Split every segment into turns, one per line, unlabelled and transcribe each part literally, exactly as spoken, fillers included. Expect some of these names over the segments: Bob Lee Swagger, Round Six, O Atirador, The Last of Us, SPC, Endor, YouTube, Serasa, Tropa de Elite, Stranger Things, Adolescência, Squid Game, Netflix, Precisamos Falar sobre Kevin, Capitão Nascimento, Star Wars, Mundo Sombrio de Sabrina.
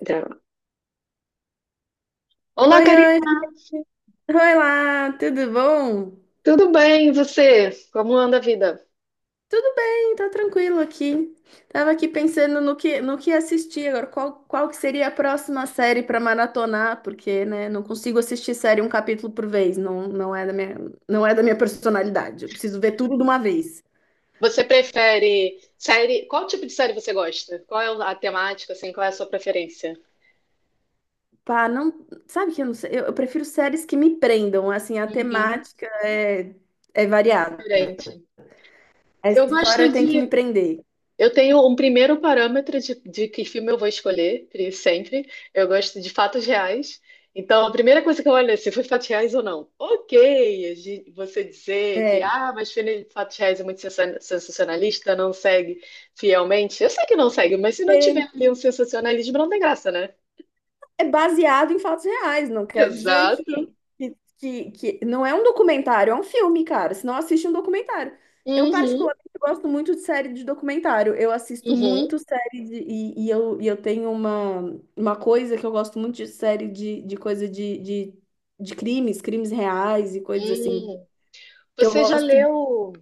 Grava. Olá,
Oi, oi,
Karina.
oi lá, tudo bom?
Tudo bem? E você? Como anda a vida?
Tudo bem, tá tranquilo aqui. Tava aqui pensando no que, no que assistir agora, qual, qual que seria a próxima série pra maratonar, porque, né, não consigo assistir série um capítulo por vez, não, não é da minha, não é da minha personalidade, eu preciso ver tudo de uma vez.
Você prefere série? Qual tipo de série você gosta? Qual é a temática, assim? Qual é a sua preferência?
Pá, não, sabe que eu não sei, eu, eu prefiro séries que me prendam, assim, a
Uhum.
temática é, é variada,
Diferente.
a
Eu gosto
história tem que me
de
prender.
Eu tenho um primeiro parâmetro de, de que filme eu vou escolher, pri- sempre. Eu gosto de fatos reais. Então, a primeira coisa que eu olho é se foi fatos reais ou não. Ok, a gen- você dizer que,
É.
ah, mas filme de fatos reais é muito sensa- sensacionalista, não segue fielmente. Eu sei que não segue, mas se não tiver ali um sensacionalismo, não tem graça, né?
É baseado em fatos reais, não quer dizer
Exato.
que, que, que, que- não é um documentário, é um filme, cara. Se não assiste um documentário. Eu,
Uhum,
particularmente, gosto muito de série de documentário. Eu assisto
uhum,
muito série de, e, e eu, e eu tenho uma, uma coisa que eu gosto muito de série de, de coisa de, de, de crimes, crimes reais e coisas assim.
uhum.
Que eu
Você já
gosto de.
leu,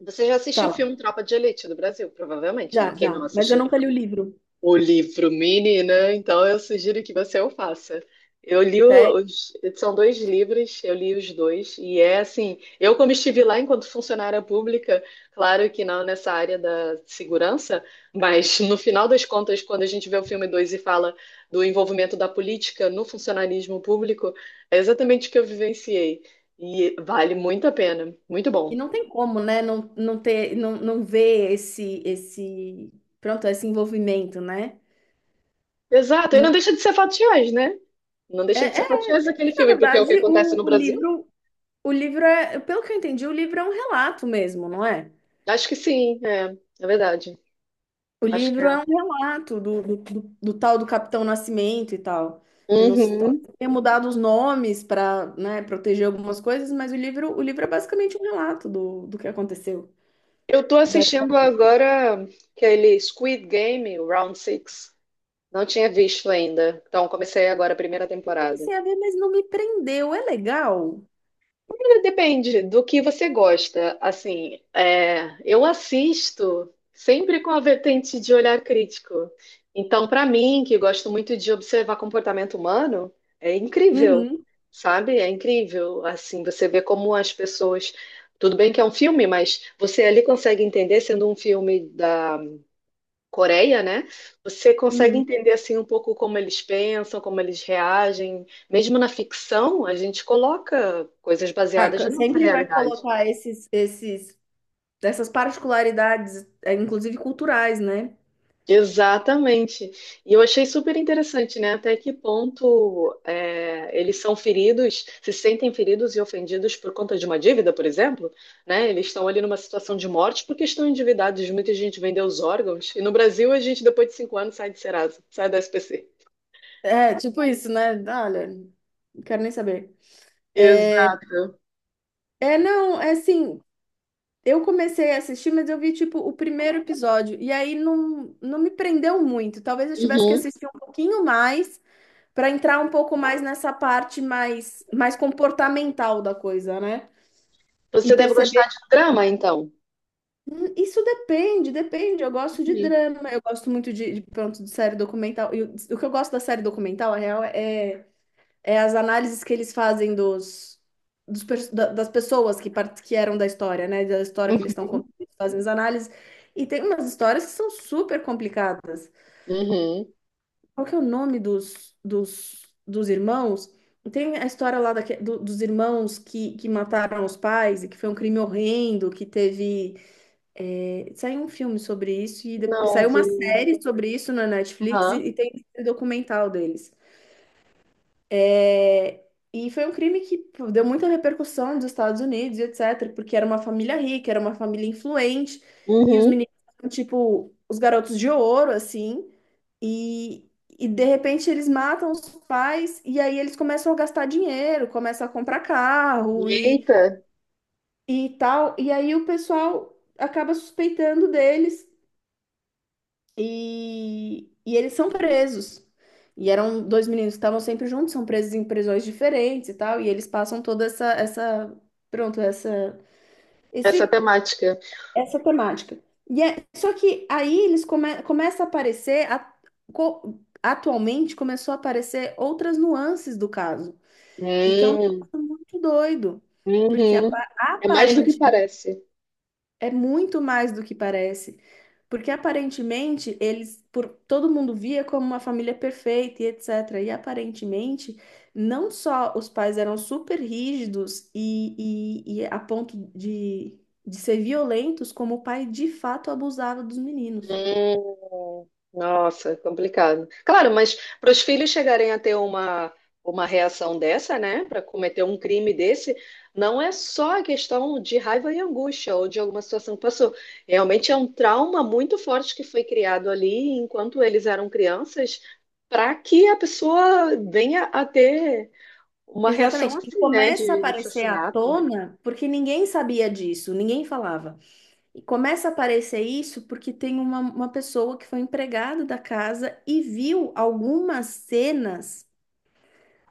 você já assistiu o
Fala,
filme Tropa de Elite do Brasil, provavelmente, né?
já,
Quem
já,
não
mas eu
assistiu?
nunca li o livro.
O livro mini, né? Então eu sugiro que você o faça. Eu li os, são dois livros, eu li os dois, e é assim, eu como estive lá enquanto funcionária pública, claro que não nessa área da segurança, mas no final das contas, quando a gente vê o filme dois e fala do envolvimento da política no funcionarismo público, é exatamente o que eu vivenciei. E vale muito a pena, muito
E
bom.
não tem como, né, não, não ter, não, não ver esse, esse, pronto, esse envolvimento, né?
Exato, e não
Não,
deixa de ser fatiões, né? Não
é,
deixa de ser
é
fatiões aquele
que, na
filme, porque é o
verdade,
que acontece no
o, o
Brasil.
livro, o livro é, pelo que eu entendi, o livro é um relato mesmo, não é?
Acho que sim, é, é verdade.
O
Acho que é.
livro é um relato do, do, do- do tal do Capitão Nascimento e tal. Eu não sei,
Uhum.
talvez tenha mudado os nomes para, né, proteger algumas coisas, mas o livro, o livro é basicamente um relato do, do que aconteceu.
Eu tô
Daí
assistindo agora aquele Squid Game, o Round Six. Não tinha visto ainda. Então comecei agora a primeira
eu
temporada.
comecei a ver, mas não me prendeu, é legal.
Depende do que você gosta. Assim, é, eu assisto sempre com a vertente de olhar crítico. Então, para mim, que gosto muito de observar comportamento humano, é incrível,
Uhum,
sabe? É incrível. Assim, você vê como as pessoas. Tudo bem que é um filme, mas você ali consegue entender, sendo um filme Coreia, né? Você consegue
uhum.
entender assim um pouco como eles pensam, como eles reagem. Mesmo na ficção, a gente coloca coisas
Ah,
baseadas na
co-
nossa
sempre vai
realidade.
colocar esses, esses, essas particularidades, é, inclusive culturais, né?
Exatamente. E eu achei super interessante, né? Até que ponto é, eles são feridos, se sentem feridos e ofendidos por conta de uma dívida, por exemplo, né? Eles estão ali numa situação de morte porque estão endividados. Muita gente vendeu os órgãos. E no Brasil, a gente, depois de cinco anos, sai de Serasa, sai da S P C.
É, tipo isso, né? Olha, não quero nem saber. É,
Exato.
é, não, é assim, eu comecei a assistir, mas eu vi, tipo, o primeiro episódio, e aí não, não me prendeu muito. Talvez eu tivesse que
Uhum.
assistir um pouquinho mais para entrar um pouco mais nessa parte mais, mais comportamental da coisa, né? E
Você deve
perceber.
gostar de drama, então.
Hum, Isso depende, depende. Eu gosto de
Uhum.
drama, eu gosto muito de, de, pronto, de série documental. E o, o que eu gosto da série documental, a real, é, é as análises que eles fazem dos, dos pers- da- das pessoas que, part- que eram da história, né? Da história que eles estão
Uhum.
contando, eles fazem as análises. E tem umas histórias que são super complicadas.
Uhum.
Qual que é o nome dos, dos, dos irmãos? Tem a história lá daque- do- dos irmãos que, que mataram os pais e que foi um crime horrendo, que teve. Saiu um filme sobre isso e depois,
Não,
saiu uma
vi.
série sobre isso na Netflix e,
Aham.
e tem um documental deles. É, e foi um crime que pô, deu muita repercussão nos Estados Unidos e etc., porque era uma família rica, era uma família influente e os
Uhum.
meninos eram, tipo os garotos de ouro assim. e E de repente eles matam os pais e aí eles começam a gastar dinheiro, começam a comprar carro e,
Eita,
e tal. E aí o pessoal acaba suspeitando deles. E, e eles são presos. E eram dois meninos que estavam sempre juntos, são presos em prisões diferentes e tal, e eles passam toda essa, essa, pronto, essa,
essa
esse,
temática.
essa temática. E é, só que aí eles come, começa a aparecer, a- co- atualmente começou a aparecer outras nuances do caso, e que é um
Hum.
negócio muito doido, porque apa-
Uhum. É mais do que
aparentemente
parece.
é muito mais do que parece. Porque aparentemente eles, por todo mundo via como uma família perfeita e etecetera. E aparentemente, não só os pais eram super rígidos e, e, e a ponto de, de ser violentos, como o pai de fato abusava dos meninos.
Hum, nossa, complicado. Claro, mas para os filhos chegarem a ter uma, uma reação dessa, né, para cometer um crime desse, não é só a questão de raiva e angústia ou de alguma situação que passou. Realmente é um trauma muito forte que foi criado ali enquanto eles eram crianças, para que a pessoa venha a ter uma reação
Exatamente. E
assim, né,
começa a
de
aparecer à
assassinato.
tona porque ninguém sabia disso, ninguém falava. E começa a aparecer isso porque tem uma, uma pessoa que foi empregada da casa e viu algumas cenas,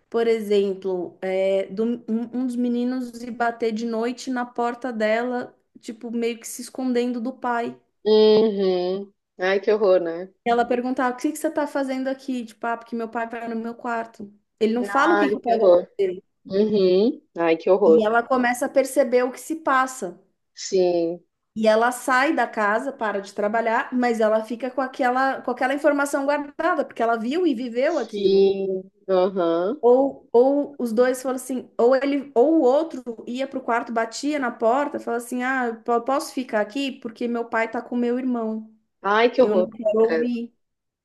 por exemplo, é, do, um, um dos meninos ir bater de noite na porta dela, tipo, meio que se escondendo do pai.
Uhum. Ai, que horror, né?
Ela perguntava, o que que você tá fazendo aqui? Tipo, ah, porque meu pai vai no meu quarto. Ele não fala o que
Ai,
que o
que
pai vai
horror.
fazer.
Uhum. Ai, que horror.
E ela começa a perceber o que se passa.
Sim,
E ela sai da casa, para de trabalhar, mas ela fica com aquela, com aquela informação guardada, porque ela viu e viveu aquilo.
sim, aham.
Ou, ou os dois falam assim, ou ele, ou o outro ia pro quarto, batia na porta, fala assim: "Ah, eu po- posso ficar aqui porque meu pai tá com meu irmão.
Ai, que
Eu não
horror.
quero
Credo.
ouvir".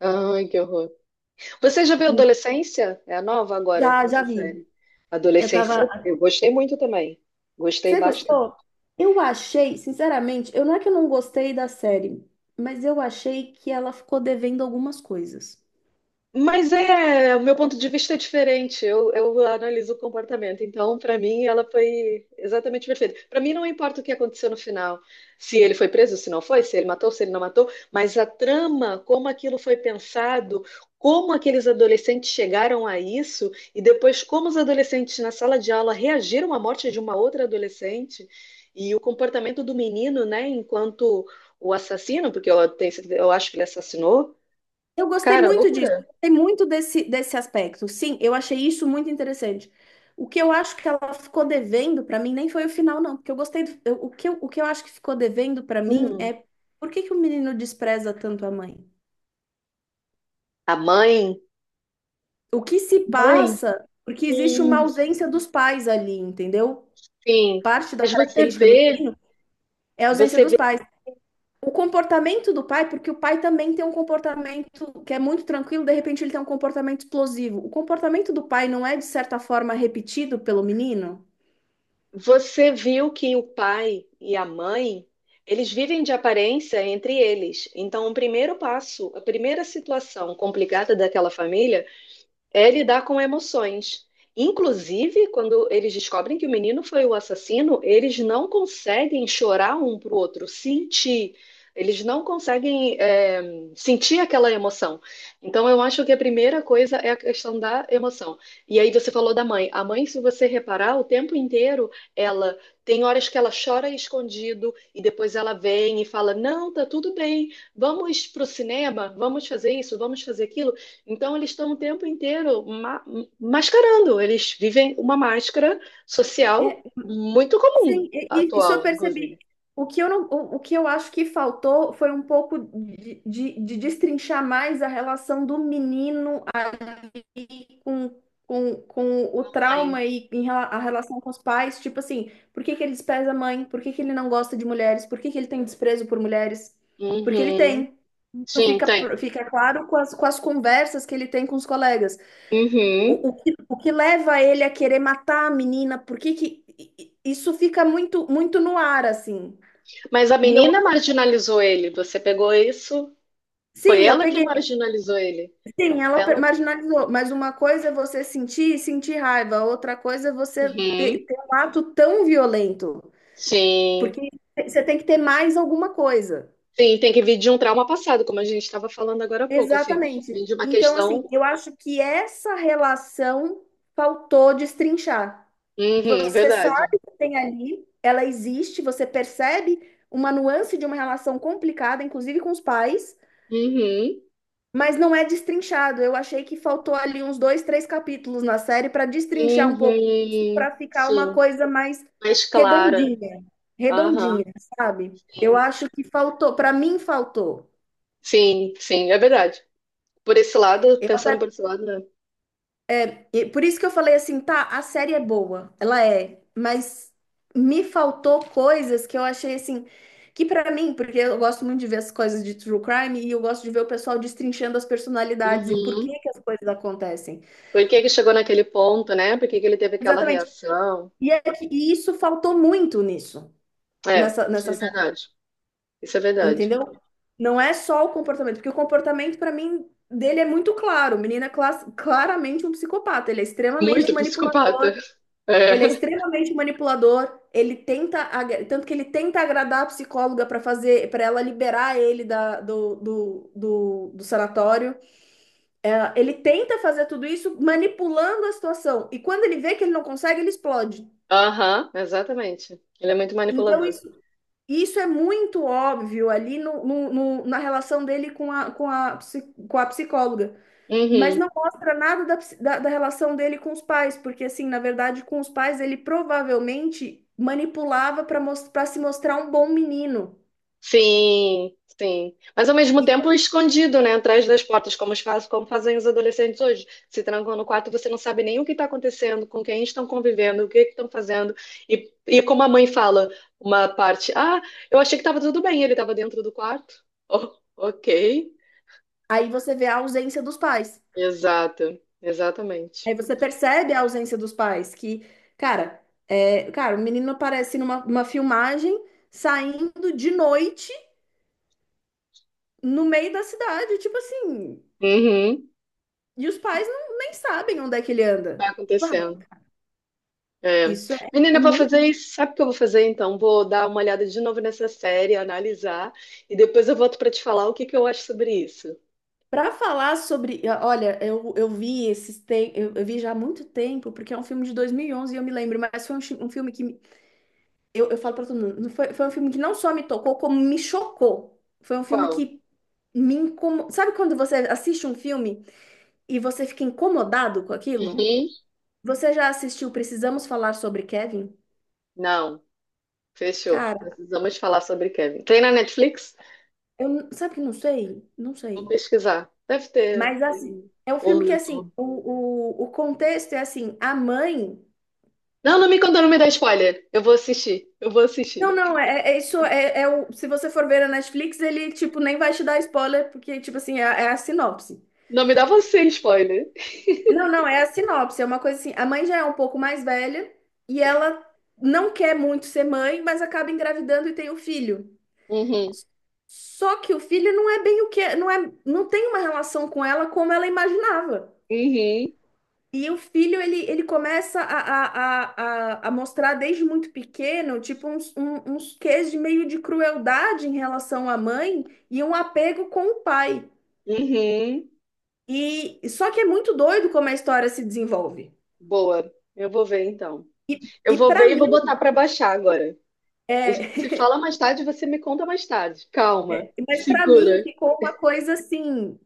Ai, que horror. Você já viu
Hum,
Adolescência? É a nova agora,
Já, já
essa
vi.
série.
Eu tava.
Adolescência, eu gostei muito também. Gostei.
Você gostou? Eu achei, sinceramente, eu não é que eu não gostei da série, mas eu achei que ela ficou devendo algumas coisas.
Mas é, o meu ponto de vista é diferente. Eu, eu analiso o comportamento. Então, para mim, ela foi exatamente perfeita. Para mim, não importa o que aconteceu no final, se ele foi preso, se não foi, se ele matou, se ele não matou, mas a trama, como aquilo foi pensado, como aqueles adolescentes chegaram a isso e depois como os adolescentes na sala de aula reagiram à morte de uma outra adolescente e o comportamento do menino, né, enquanto o assassino, porque eu, tenho, certeza- eu acho que ele assassinou.
Eu gostei
Cara,
muito disso, eu
loucura.
gostei muito desse, desse aspecto. Sim, eu achei isso muito interessante. O que eu acho que ela ficou devendo para mim nem foi o final, não, porque eu gostei do, eu- o que eu, o que eu acho que ficou devendo para mim
Hum.
é por que que o menino despreza tanto a mãe?
A mãe,
O que se
Mãe,
passa? Porque existe uma
hum,
ausência dos pais ali, entendeu?
sim.
Parte da
Mas você
característica do
vê,
menino é a ausência
você
dos
vê,
pais. O comportamento do pai, porque o pai também tem um comportamento que é muito tranquilo, de repente ele tem um comportamento explosivo. O comportamento do pai não é, de certa forma, repetido pelo menino?
você viu que o pai e a mãe, eles vivem de aparência entre eles. Então, o primeiro passo, a primeira situação complicada daquela família é lidar com emoções. Inclusive, quando eles descobrem que o menino foi o assassino, eles não conseguem chorar um para o outro, sentir. Eles não conseguem é, sentir aquela emoção. Então, eu acho que a primeira coisa é a questão da emoção. E aí, você falou da mãe. A mãe, se você reparar, o tempo inteiro, ela tem horas que ela chora escondido e depois ela vem e fala: Não, tá tudo bem, vamos pro cinema, vamos fazer isso, vamos fazer aquilo. Então, eles estão o tempo inteiro ma- mascarando, eles vivem uma máscara
É,
social muito comum,
sim, e- e- isso eu
atual,
percebi.
inclusive.
O que eu não, o, o que eu acho que faltou foi um pouco de, de, de destrinchar mais a relação do menino com, com, com o
Mãe.
trauma e em rela- a relação com os pais, tipo assim, por que que ele despreza a mãe? Por que que ele não gosta de mulheres? Por que que ele tem desprezo por mulheres? Porque ele
Uhum.
tem. Isso
Sim,
fica,
tem.
fica claro com as, com as conversas que ele tem com os colegas.
Uhum.
O, o que, o que leva ele a querer matar a menina? Por que que i- i- isso fica muito, muito no ar, assim?
Mas a
E eu,
menina marginalizou ele, você pegou isso? Foi
sim, eu
ela que
peguei.
marginalizou ele.
Sim, ela per-
Ela.
marginalizou, mas uma coisa é você sentir e sentir raiva, outra coisa é você ter,
Uhum.
ter um ato tão violento,
Sim.
porque você tem que ter mais alguma coisa.
Sim, tem que vir de um trauma passado, como a gente estava falando agora há pouco, assim,
Exatamente.
vir de uma
Então, assim,
questão.
eu acho que essa relação faltou destrinchar.
Uhum,
Você
verdade.
sabe que tem ali, ela existe, você percebe uma nuance de uma relação complicada, inclusive com os pais,
Uhum.
mas não é destrinchado. Eu achei que faltou ali uns dois, três capítulos na série para destrinchar um pouco isso,
Uhum.
para ficar uma
Sim.
coisa mais
Mais clara.
redondinha, redondinha,
Aham.
sabe? Eu
Sim,
acho que faltou, para mim faltou.
sim, sim, é verdade. Por esse lado,
Eu
pensando
até-
por esse lado, né?
e por isso que eu falei assim, tá, a série é boa, ela é, mas me faltou coisas que eu achei assim, que para mim, porque eu gosto muito de ver as coisas de true crime e eu gosto de ver o pessoal destrinchando as personalidades e por que
Uhum.
que as coisas acontecem.
Por que que chegou naquele ponto, né? Por que que ele teve aquela
Exatamente.
reação?
E, é que- e isso faltou muito nisso,
É,
nessa,
isso
nessa
é
série,
verdade. Isso é verdade.
entendeu? Não é só o comportamento, porque o comportamento, pra mim, dele é muito claro. O menino é clas- claramente um psicopata. Ele é extremamente
Muito psicopata.
manipulador, ele é
É.
extremamente manipulador, ele tenta, agra- tanto que ele tenta agradar a psicóloga pra fazer, para ela liberar ele da, do, do, do, do sanatório. É, ele tenta fazer tudo isso manipulando a situação. E quando ele vê que ele não consegue, ele explode.
Aham, exatamente. Ele é muito
Então,
manipulador.
isso. Isso é muito óbvio ali no, no- no- na relação dele com a, com a, psi- com a psicóloga, mas
Uhum.
não mostra nada da, psi- da, da relação dele com os pais, porque, assim, na verdade, com os pais ele provavelmente manipulava para para se mostrar um bom menino.
Sim, sim. Mas ao mesmo
E
tempo escondido, né? Atrás das portas, como os faz, como fazem os adolescentes hoje. Se trancam no quarto, você não sabe nem o que está acontecendo, com quem estão convivendo, o que que estão fazendo. E, e como a mãe fala, uma parte, ah, eu achei que estava tudo bem, ele estava dentro do quarto. Oh, ok.
aí você vê a ausência dos pais.
Exato, exatamente.
Aí você percebe a ausência dos pais, que, cara, é, cara, o menino aparece numa uma filmagem saindo de noite no meio da cidade, tipo assim.
Uhum,
E os pais não, nem sabem onde é que ele
está
anda. Pá,
acontecendo. É.
isso é,
Menina,
é
eu vou
muito.
fazer isso. Sabe o que eu vou fazer então? Vou dar uma olhada de novo nessa série, analisar, e depois eu volto para te falar o que que eu acho sobre isso.
Para falar sobre. ah, Olha, eu, eu vi esses tem, eu, eu vi já há muito tempo, porque é um filme de dois mil e onze e onze e eu me lembro, mas foi um, chi- um filme que. me- Eu, eu falo para todo mundo, não foi, foi um filme que não só me tocou, como me chocou. Foi um filme
Qual?
que me incomodou. Sabe quando você assiste um filme e você fica incomodado com aquilo?
Uhum.
Você já assistiu Precisamos Falar sobre Kevin?
Não, fechou.
Cara,
Precisamos falar sobre Kevin. Tem na Netflix?
eu, n- sabe que não sei? Não
Vou
sei.
pesquisar. Deve ter.
Mas assim, é um
Ou
filme
no
que assim,
YouTube.
o, o, o contexto é assim, a mãe.
Não, não me conta, não me dá spoiler. Eu vou assistir. Eu vou assistir.
Não, não, é, é isso é, é o. Se você for ver a Netflix, ele tipo nem vai te dar spoiler, porque, tipo assim, é, é a sinopse.
Não me dá você spoiler.
Não, não, é a sinopse, é uma coisa assim, a mãe já é um pouco mais velha e ela não quer muito ser mãe, mas acaba engravidando e tem o filho.
Uhum.
Só que o filho não é bem o que, não é, não tem uma relação com ela como ela imaginava.
Uhum.
E o filho, ele, ele começa a, a, a, a a mostrar desde muito pequeno, tipo, uns, um- uns quês de meio de crueldade em relação à mãe e um apego com o pai.
Uhum.
E só que é muito doido como a história se desenvolve.
Boa. Eu vou ver então.
E,
Eu
e
vou
para
ver e vou
mim,
botar para baixar agora. A gente
é,
se fala mais tarde, você me conta mais tarde. Calma,
mas para mim
segura.
ficou uma coisa assim,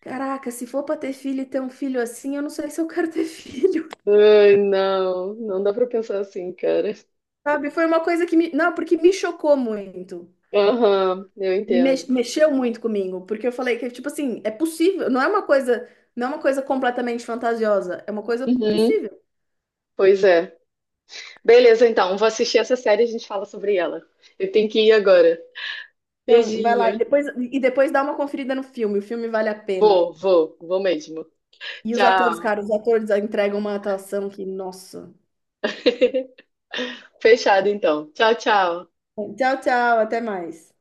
caraca, se for para ter filho e ter um filho assim, eu não sei se eu quero ter filho,
Ai, não, não dá pra pensar assim, cara.
sabe? Foi uma coisa que me, não, porque me chocou muito.
Aham, eu
Me
entendo.
mex- mexeu muito comigo, porque eu falei que, tipo assim, é possível, não é uma coisa, não é uma coisa completamente fantasiosa, é uma coisa
Uhum,
possível.
pois é. Beleza, então, vou assistir essa série e a gente fala sobre ela. Eu tenho que ir agora.
Então, vai lá e
Beijinho.
depois, e depois dá uma conferida no filme, o filme vale a pena.
Vou, vou, vou mesmo.
E os atores,
Tchau.
cara, os atores entregam uma atuação que, nossa.
Fechado, então. Tchau, tchau.
Tchau, tchau, até mais.